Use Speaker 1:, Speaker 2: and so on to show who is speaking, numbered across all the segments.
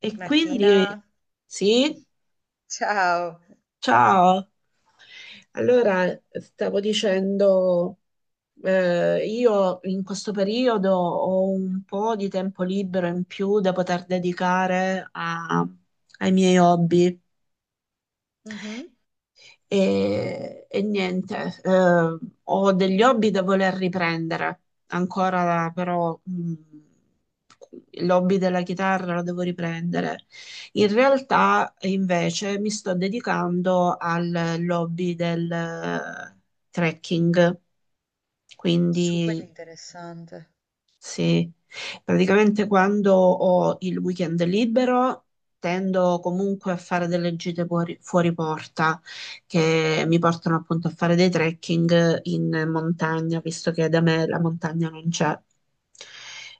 Speaker 1: E quindi
Speaker 2: Martina,
Speaker 1: sì,
Speaker 2: ciao.
Speaker 1: ciao. Allora, stavo dicendo, io in questo periodo ho un po' di tempo libero in più da poter dedicare ai miei hobby.
Speaker 2: Mh-mh.
Speaker 1: E niente, ho degli hobby da voler riprendere ancora, però l'hobby della chitarra lo devo riprendere. In realtà, invece, mi sto dedicando al hobby del trekking,
Speaker 2: Super
Speaker 1: quindi
Speaker 2: interessante.
Speaker 1: sì, praticamente quando ho il weekend libero tendo comunque a fare delle gite fuori porta che mi portano appunto a fare dei trekking in montagna, visto che da me la montagna non c'è.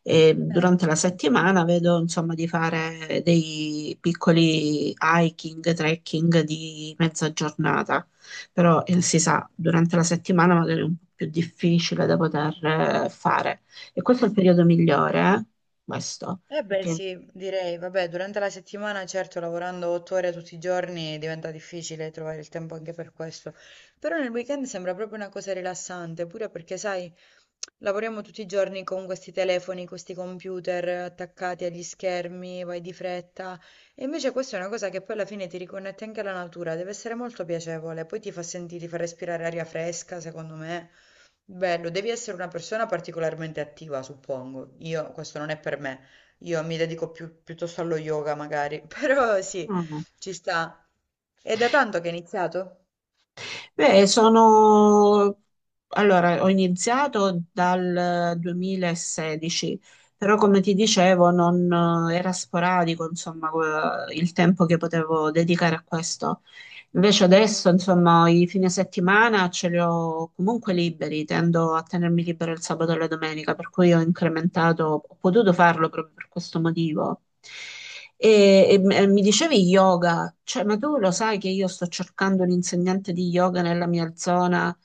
Speaker 1: E
Speaker 2: Bello.
Speaker 1: durante la settimana vedo insomma di fare dei piccoli hiking, trekking di mezza giornata, però si sa, durante la settimana magari è un po' più difficile da poter fare. E questo è il periodo migliore, eh? Questo, perché.
Speaker 2: Sì, direi. Vabbè, durante la settimana, certo, lavorando 8 ore tutti i giorni diventa difficile trovare il tempo anche per questo. Però nel weekend sembra proprio una cosa rilassante, pure perché sai, lavoriamo tutti i giorni con questi telefoni, questi computer attaccati agli schermi, vai di fretta. E invece questa è una cosa che poi alla fine ti riconnette anche alla natura, deve essere molto piacevole, poi ti fa sentire, ti fa respirare aria fresca, secondo me. Bello, devi essere una persona particolarmente attiva, suppongo. Io, questo non è per me. Io mi dedico più, piuttosto allo yoga, magari. Però sì,
Speaker 1: Mm.
Speaker 2: ci sta. È da tanto che è iniziato?
Speaker 1: Beh, sono allora, ho iniziato dal 2016, però come ti dicevo, non era sporadico, insomma, il tempo che potevo dedicare a questo. Invece
Speaker 2: Mhm.
Speaker 1: adesso, insomma, i fine settimana ce li ho comunque liberi, tendo a tenermi libero il sabato e la domenica, per cui ho incrementato, ho potuto farlo proprio per questo motivo. E mi dicevi yoga, cioè, ma tu lo sai che io sto cercando un insegnante di yoga nella mia zona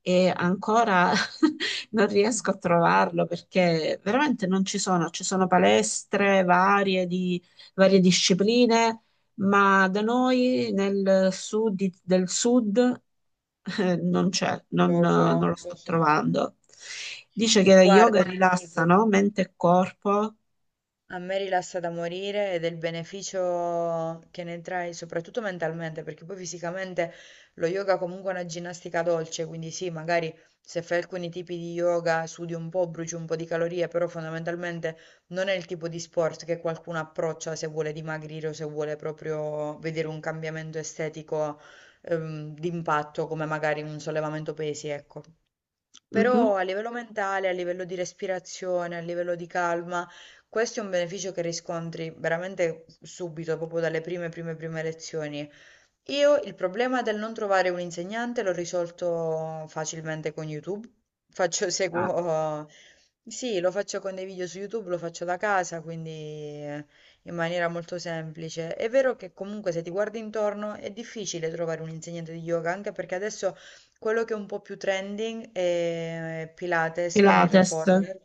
Speaker 1: e ancora non riesco a trovarlo perché veramente non ci sono, ci sono palestre varie di varie discipline, ma da noi nel sud del sud non c'è, non,
Speaker 2: Lo so,
Speaker 1: non lo
Speaker 2: lo
Speaker 1: sto
Speaker 2: so.
Speaker 1: trovando. Dice che yoga
Speaker 2: Guarda, ti dico.
Speaker 1: rilassa, no? Mente e corpo.
Speaker 2: A me rilassa da morire ed è il beneficio che ne trai, soprattutto mentalmente, perché poi fisicamente lo yoga comunque è una ginnastica dolce, quindi sì, magari se fai alcuni tipi di yoga sudi un po', bruci un po' di calorie, però fondamentalmente non è il tipo di sport che qualcuno approccia se vuole dimagrire o se vuole proprio vedere un cambiamento estetico, d'impatto, come magari un sollevamento pesi, ecco.
Speaker 1: Mhm.
Speaker 2: Però a livello mentale, a livello di respirazione, a livello di calma, questo è un beneficio che riscontri veramente subito, proprio dalle prime, prime, prime lezioni. Io il problema del non trovare un insegnante l'ho risolto facilmente con YouTube. Faccio,
Speaker 1: Ah,
Speaker 2: seguo, sì, lo faccio con dei video su YouTube, lo faccio da casa, quindi in maniera molto semplice. È vero che comunque se ti guardi intorno è difficile trovare un insegnante di yoga, anche perché adesso quello che è un po' più trending è Pilates con il
Speaker 1: Pilates,
Speaker 2: reformer.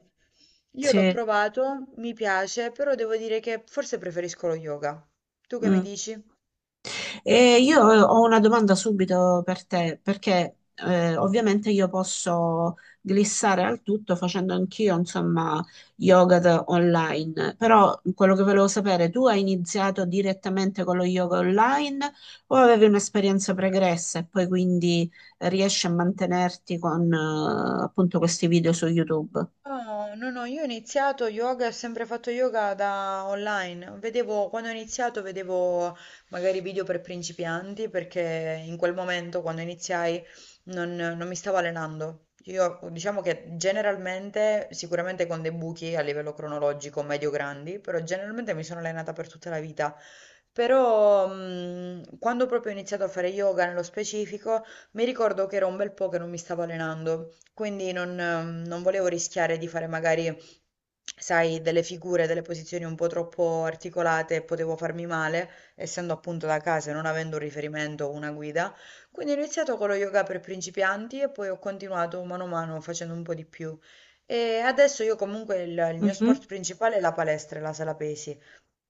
Speaker 2: Io l'ho
Speaker 1: sì.
Speaker 2: provato, mi piace, però devo dire che forse preferisco lo yoga. Tu che mi
Speaker 1: Mm.
Speaker 2: dici?
Speaker 1: E io ho una domanda subito per te, perché ovviamente io posso glissare al tutto facendo anch'io, insomma, yoga online, però quello che volevo sapere, tu hai iniziato direttamente con lo yoga online o avevi un'esperienza pregressa e poi quindi riesci a mantenerti con appunto questi video su YouTube?
Speaker 2: No, no, no, io ho iniziato yoga, ho sempre fatto yoga da online. Vedevo, quando ho iniziato vedevo magari video per principianti perché in quel momento quando iniziai non mi stavo allenando. Io diciamo che generalmente, sicuramente con dei buchi a livello cronologico medio-grandi, però generalmente mi sono allenata per tutta la vita. Però quando proprio ho iniziato a fare yoga nello specifico, mi ricordo che era un bel po' che non mi stavo allenando. Quindi non volevo rischiare di fare magari, sai, delle figure, delle posizioni un po' troppo articolate e potevo farmi male, essendo appunto da casa e non avendo un riferimento o una guida. Quindi ho iniziato con lo yoga per principianti e poi ho continuato mano a mano facendo un po' di più. E adesso io comunque il mio sport
Speaker 1: Mhm,
Speaker 2: principale è la palestra e la sala pesi.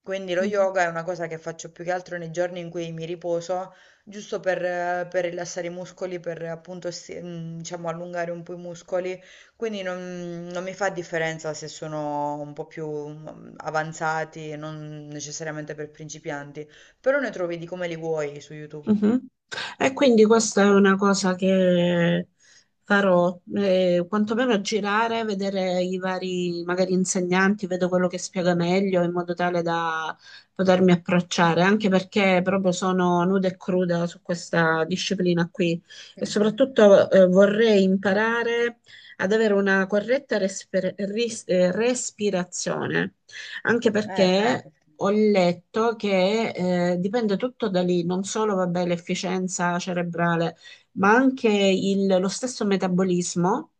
Speaker 2: Quindi lo
Speaker 1: mhm.
Speaker 2: yoga è una cosa che faccio più che altro nei giorni in cui mi riposo giusto per rilassare i muscoli, per appunto, diciamo, allungare un po' i muscoli, quindi non mi fa differenza se sono un po' più mm, avanzati, non necessariamente per principianti, però ne trovi di come li vuoi su YouTube.
Speaker 1: Mhm. E quindi
Speaker 2: Sì.
Speaker 1: questa è una cosa che farò, quantomeno girare, vedere i vari magari insegnanti, vedo quello che spiega meglio in modo tale da potermi approcciare, anche perché proprio sono nuda e cruda su questa disciplina qui e
Speaker 2: Mhm.
Speaker 1: soprattutto vorrei imparare ad avere una corretta respirazione, anche
Speaker 2: Quello è
Speaker 1: perché
Speaker 2: importante.
Speaker 1: ho letto che dipende tutto da lì, non solo vabbè, l'efficienza cerebrale, ma anche lo stesso metabolismo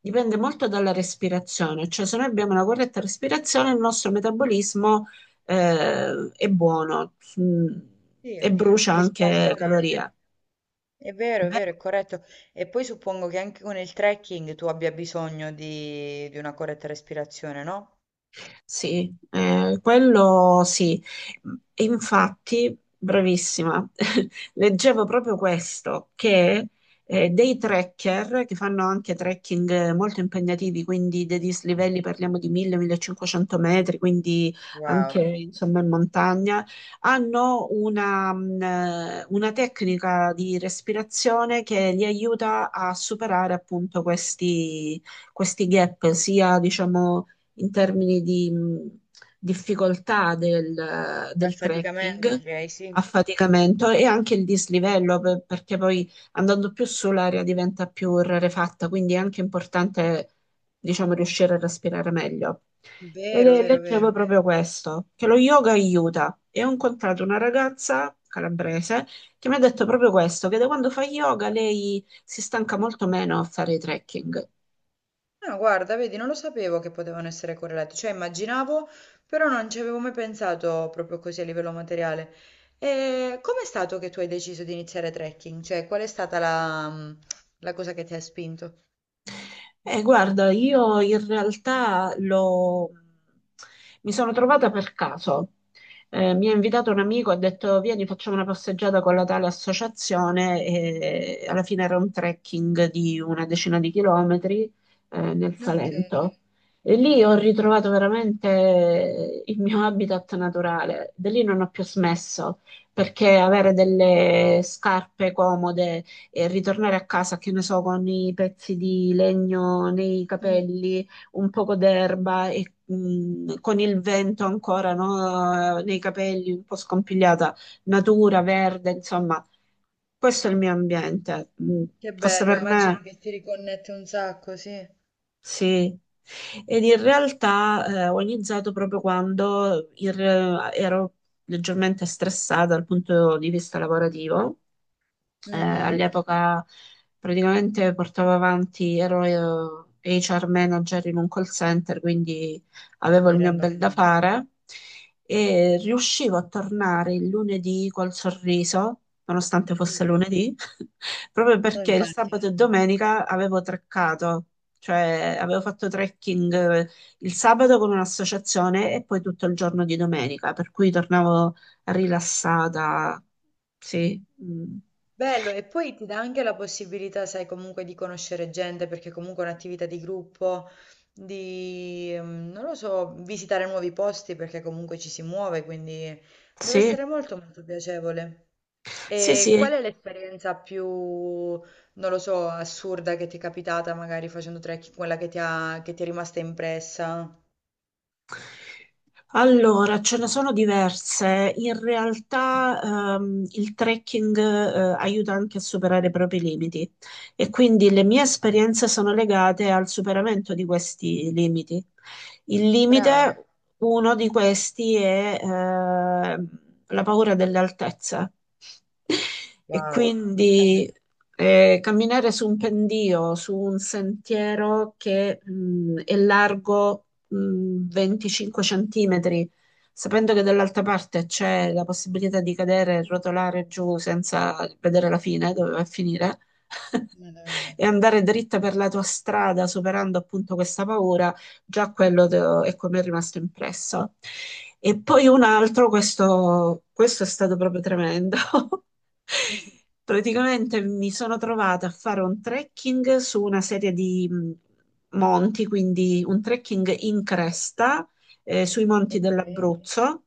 Speaker 1: dipende molto dalla respirazione, cioè se noi abbiamo una corretta respirazione il nostro metabolismo è buono mm,
Speaker 2: Sì,
Speaker 1: e brucia
Speaker 2: risponde
Speaker 1: anche
Speaker 2: meglio.
Speaker 1: calorie.
Speaker 2: È vero, è vero, è corretto. E poi suppongo che anche con il trekking tu abbia bisogno di una corretta respirazione, no?
Speaker 1: Sì, quello sì. E infatti, bravissima, leggevo proprio questo, che dei trekker che fanno anche trekking molto impegnativi, quindi dei dislivelli parliamo di 1000-1500 metri, quindi anche
Speaker 2: Wow.
Speaker 1: insomma in montagna, hanno una tecnica di respirazione che li aiuta a superare appunto questi, questi gap, sia diciamo in termini di difficoltà del
Speaker 2: Affaticamento,
Speaker 1: trekking,
Speaker 2: direi, sì.
Speaker 1: affaticamento e anche il dislivello, perché poi andando più su l'aria diventa più rarefatta, quindi è anche importante, diciamo, riuscire a respirare meglio. E
Speaker 2: Vero, vero, vero.
Speaker 1: leggevo proprio questo, che lo yoga aiuta. E ho incontrato una ragazza calabrese che mi ha detto proprio questo, che da quando fa yoga lei si stanca molto meno a fare i trekking.
Speaker 2: No, guarda, vedi, non lo sapevo che potevano essere correlati, cioè immaginavo, però non ci avevo mai pensato proprio così a livello materiale. E com'è stato che tu hai deciso di iniziare trekking? Cioè, qual è stata la cosa che ti ha spinto?
Speaker 1: Guarda, io in realtà mi sono trovata per caso. Mi ha invitato un amico, ha detto vieni facciamo una passeggiata con la tale associazione e alla fine era un trekking di una decina di chilometri nel
Speaker 2: Ok,
Speaker 1: Salento. E lì ho ritrovato veramente il mio habitat naturale. Da lì non ho più smesso perché avere delle scarpe comode e ritornare a casa, che ne so, con i pezzi di legno nei
Speaker 2: mm,
Speaker 1: capelli, un poco d'erba e con il vento ancora, no, nei capelli, un po' scompigliata, natura, verde, insomma, questo è il mio ambiente. Mm.
Speaker 2: che
Speaker 1: Fosse
Speaker 2: bello,
Speaker 1: per
Speaker 2: immagino
Speaker 1: me,
Speaker 2: che ti riconnette un sacco, sì.
Speaker 1: sì. Ed in realtà ho iniziato proprio quando ero leggermente stressata dal punto di vista lavorativo
Speaker 2: Mhm,
Speaker 1: all'epoca praticamente portavo avanti, ero HR manager in un call center, quindi avevo
Speaker 2: mi
Speaker 1: il mio
Speaker 2: rendo
Speaker 1: bel da
Speaker 2: conto.
Speaker 1: fare e riuscivo a tornare il lunedì col sorriso, nonostante fosse
Speaker 2: Mm.
Speaker 1: lunedì, proprio perché il
Speaker 2: Infatti.
Speaker 1: sabato e domenica avevo treccato. Cioè, avevo fatto trekking il sabato con un'associazione e poi tutto il giorno di domenica, per cui tornavo rilassata. Sì. Mm.
Speaker 2: Bello, e poi ti dà anche la possibilità, sai, comunque di conoscere gente, perché comunque è un'attività di gruppo, di, non lo so, visitare nuovi posti, perché comunque ci si muove, quindi deve
Speaker 1: Sì,
Speaker 2: essere molto molto piacevole.
Speaker 1: sì,
Speaker 2: E qual
Speaker 1: sì.
Speaker 2: è l'esperienza più, non lo so, assurda che ti è capitata, magari facendo trekking, quella che ti è rimasta impressa?
Speaker 1: Allora, ce ne sono diverse. In realtà, il trekking, aiuta anche a superare i propri limiti e quindi le mie esperienze sono legate al superamento di questi limiti. Il
Speaker 2: Brava.
Speaker 1: limite, uno di questi è, la paura delle altezze. E
Speaker 2: Wow.
Speaker 1: quindi camminare su un pendio, su un sentiero che è largo 25 centimetri, sapendo che dall'altra parte c'è la possibilità di cadere e rotolare giù senza vedere la fine, dove va a finire,
Speaker 2: Madonna.
Speaker 1: e andare dritta per la tua strada, superando appunto questa paura, già quello è come è rimasto impresso. E poi un altro, questo è stato proprio tremendo.
Speaker 2: Mhm.
Speaker 1: Praticamente mi sono trovata a fare un trekking su una serie di, monti, quindi un trekking in cresta sui monti
Speaker 2: Ok.
Speaker 1: dell'Abruzzo.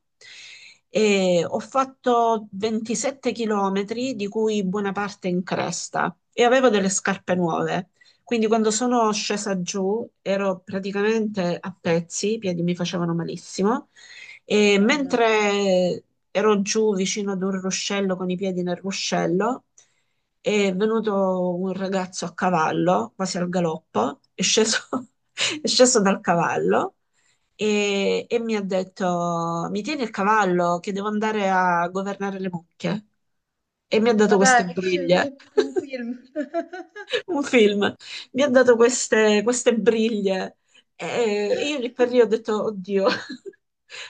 Speaker 1: E ho fatto 27 chilometri, di cui buona parte in cresta, e avevo delle scarpe nuove. Quindi quando sono scesa giù ero praticamente a pezzi, i piedi mi facevano malissimo e
Speaker 2: Mamma mia.
Speaker 1: mentre ero giù vicino ad un ruscello con i piedi nel ruscello, è venuto un ragazzo a cavallo, quasi al galoppo, è sceso, è sceso dal cavallo e mi ha detto: Mi tieni il cavallo che devo andare a governare le mucche. E mi ha
Speaker 2: Ma
Speaker 1: dato queste
Speaker 2: dai, cioè,
Speaker 1: briglie.
Speaker 2: come un film.
Speaker 1: Un film, mi ha dato queste, queste briglie e io lì per lì ho detto, oddio,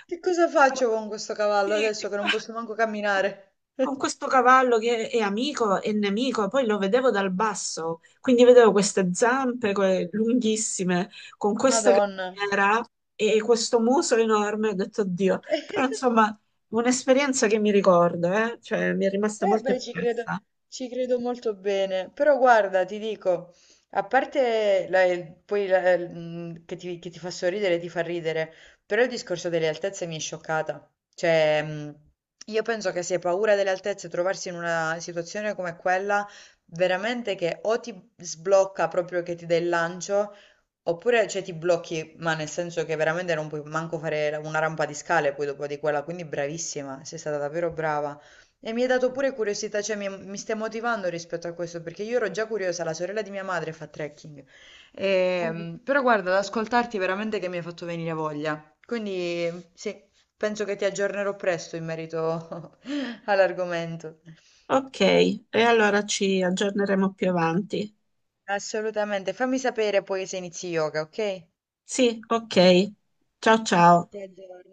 Speaker 2: Che cosa faccio con questo cavallo
Speaker 1: sì,
Speaker 2: adesso
Speaker 1: che
Speaker 2: che
Speaker 1: fa?
Speaker 2: non posso manco
Speaker 1: Con
Speaker 2: camminare?
Speaker 1: con questo cavallo che è amico e nemico, poi lo vedevo dal basso, quindi vedevo queste zampe lunghissime, con questa
Speaker 2: Madonna.
Speaker 1: criniera e questo muso enorme, ho detto, oddio, però insomma, un'esperienza che mi ricordo, eh? Cioè, mi è rimasta
Speaker 2: Eh
Speaker 1: molto
Speaker 2: beh,
Speaker 1: impressa.
Speaker 2: ci credo molto bene, però guarda, ti dico, a parte che ti fa sorridere, ti fa ridere, però il discorso delle altezze mi è scioccata. Cioè, io penso che se hai paura delle altezze, trovarsi in una situazione come quella, veramente che o ti sblocca proprio che ti dà il lancio, oppure, cioè, ti blocchi, ma nel senso che veramente non puoi manco fare una rampa di scale poi dopo di quella, quindi bravissima, sei stata davvero brava. E mi hai dato pure curiosità, cioè mi stai motivando rispetto a questo, perché io ero già curiosa, la sorella di mia madre fa trekking. Però guarda, ad ascoltarti veramente che mi hai fatto venire voglia. Quindi sì, penso che ti aggiornerò presto in merito all'argomento.
Speaker 1: Ok, e allora ci aggiorneremo più avanti.
Speaker 2: Assolutamente, fammi sapere poi se inizi yoga, ok?
Speaker 1: Sì, ok. Ciao ciao.
Speaker 2: Ti aggiorno.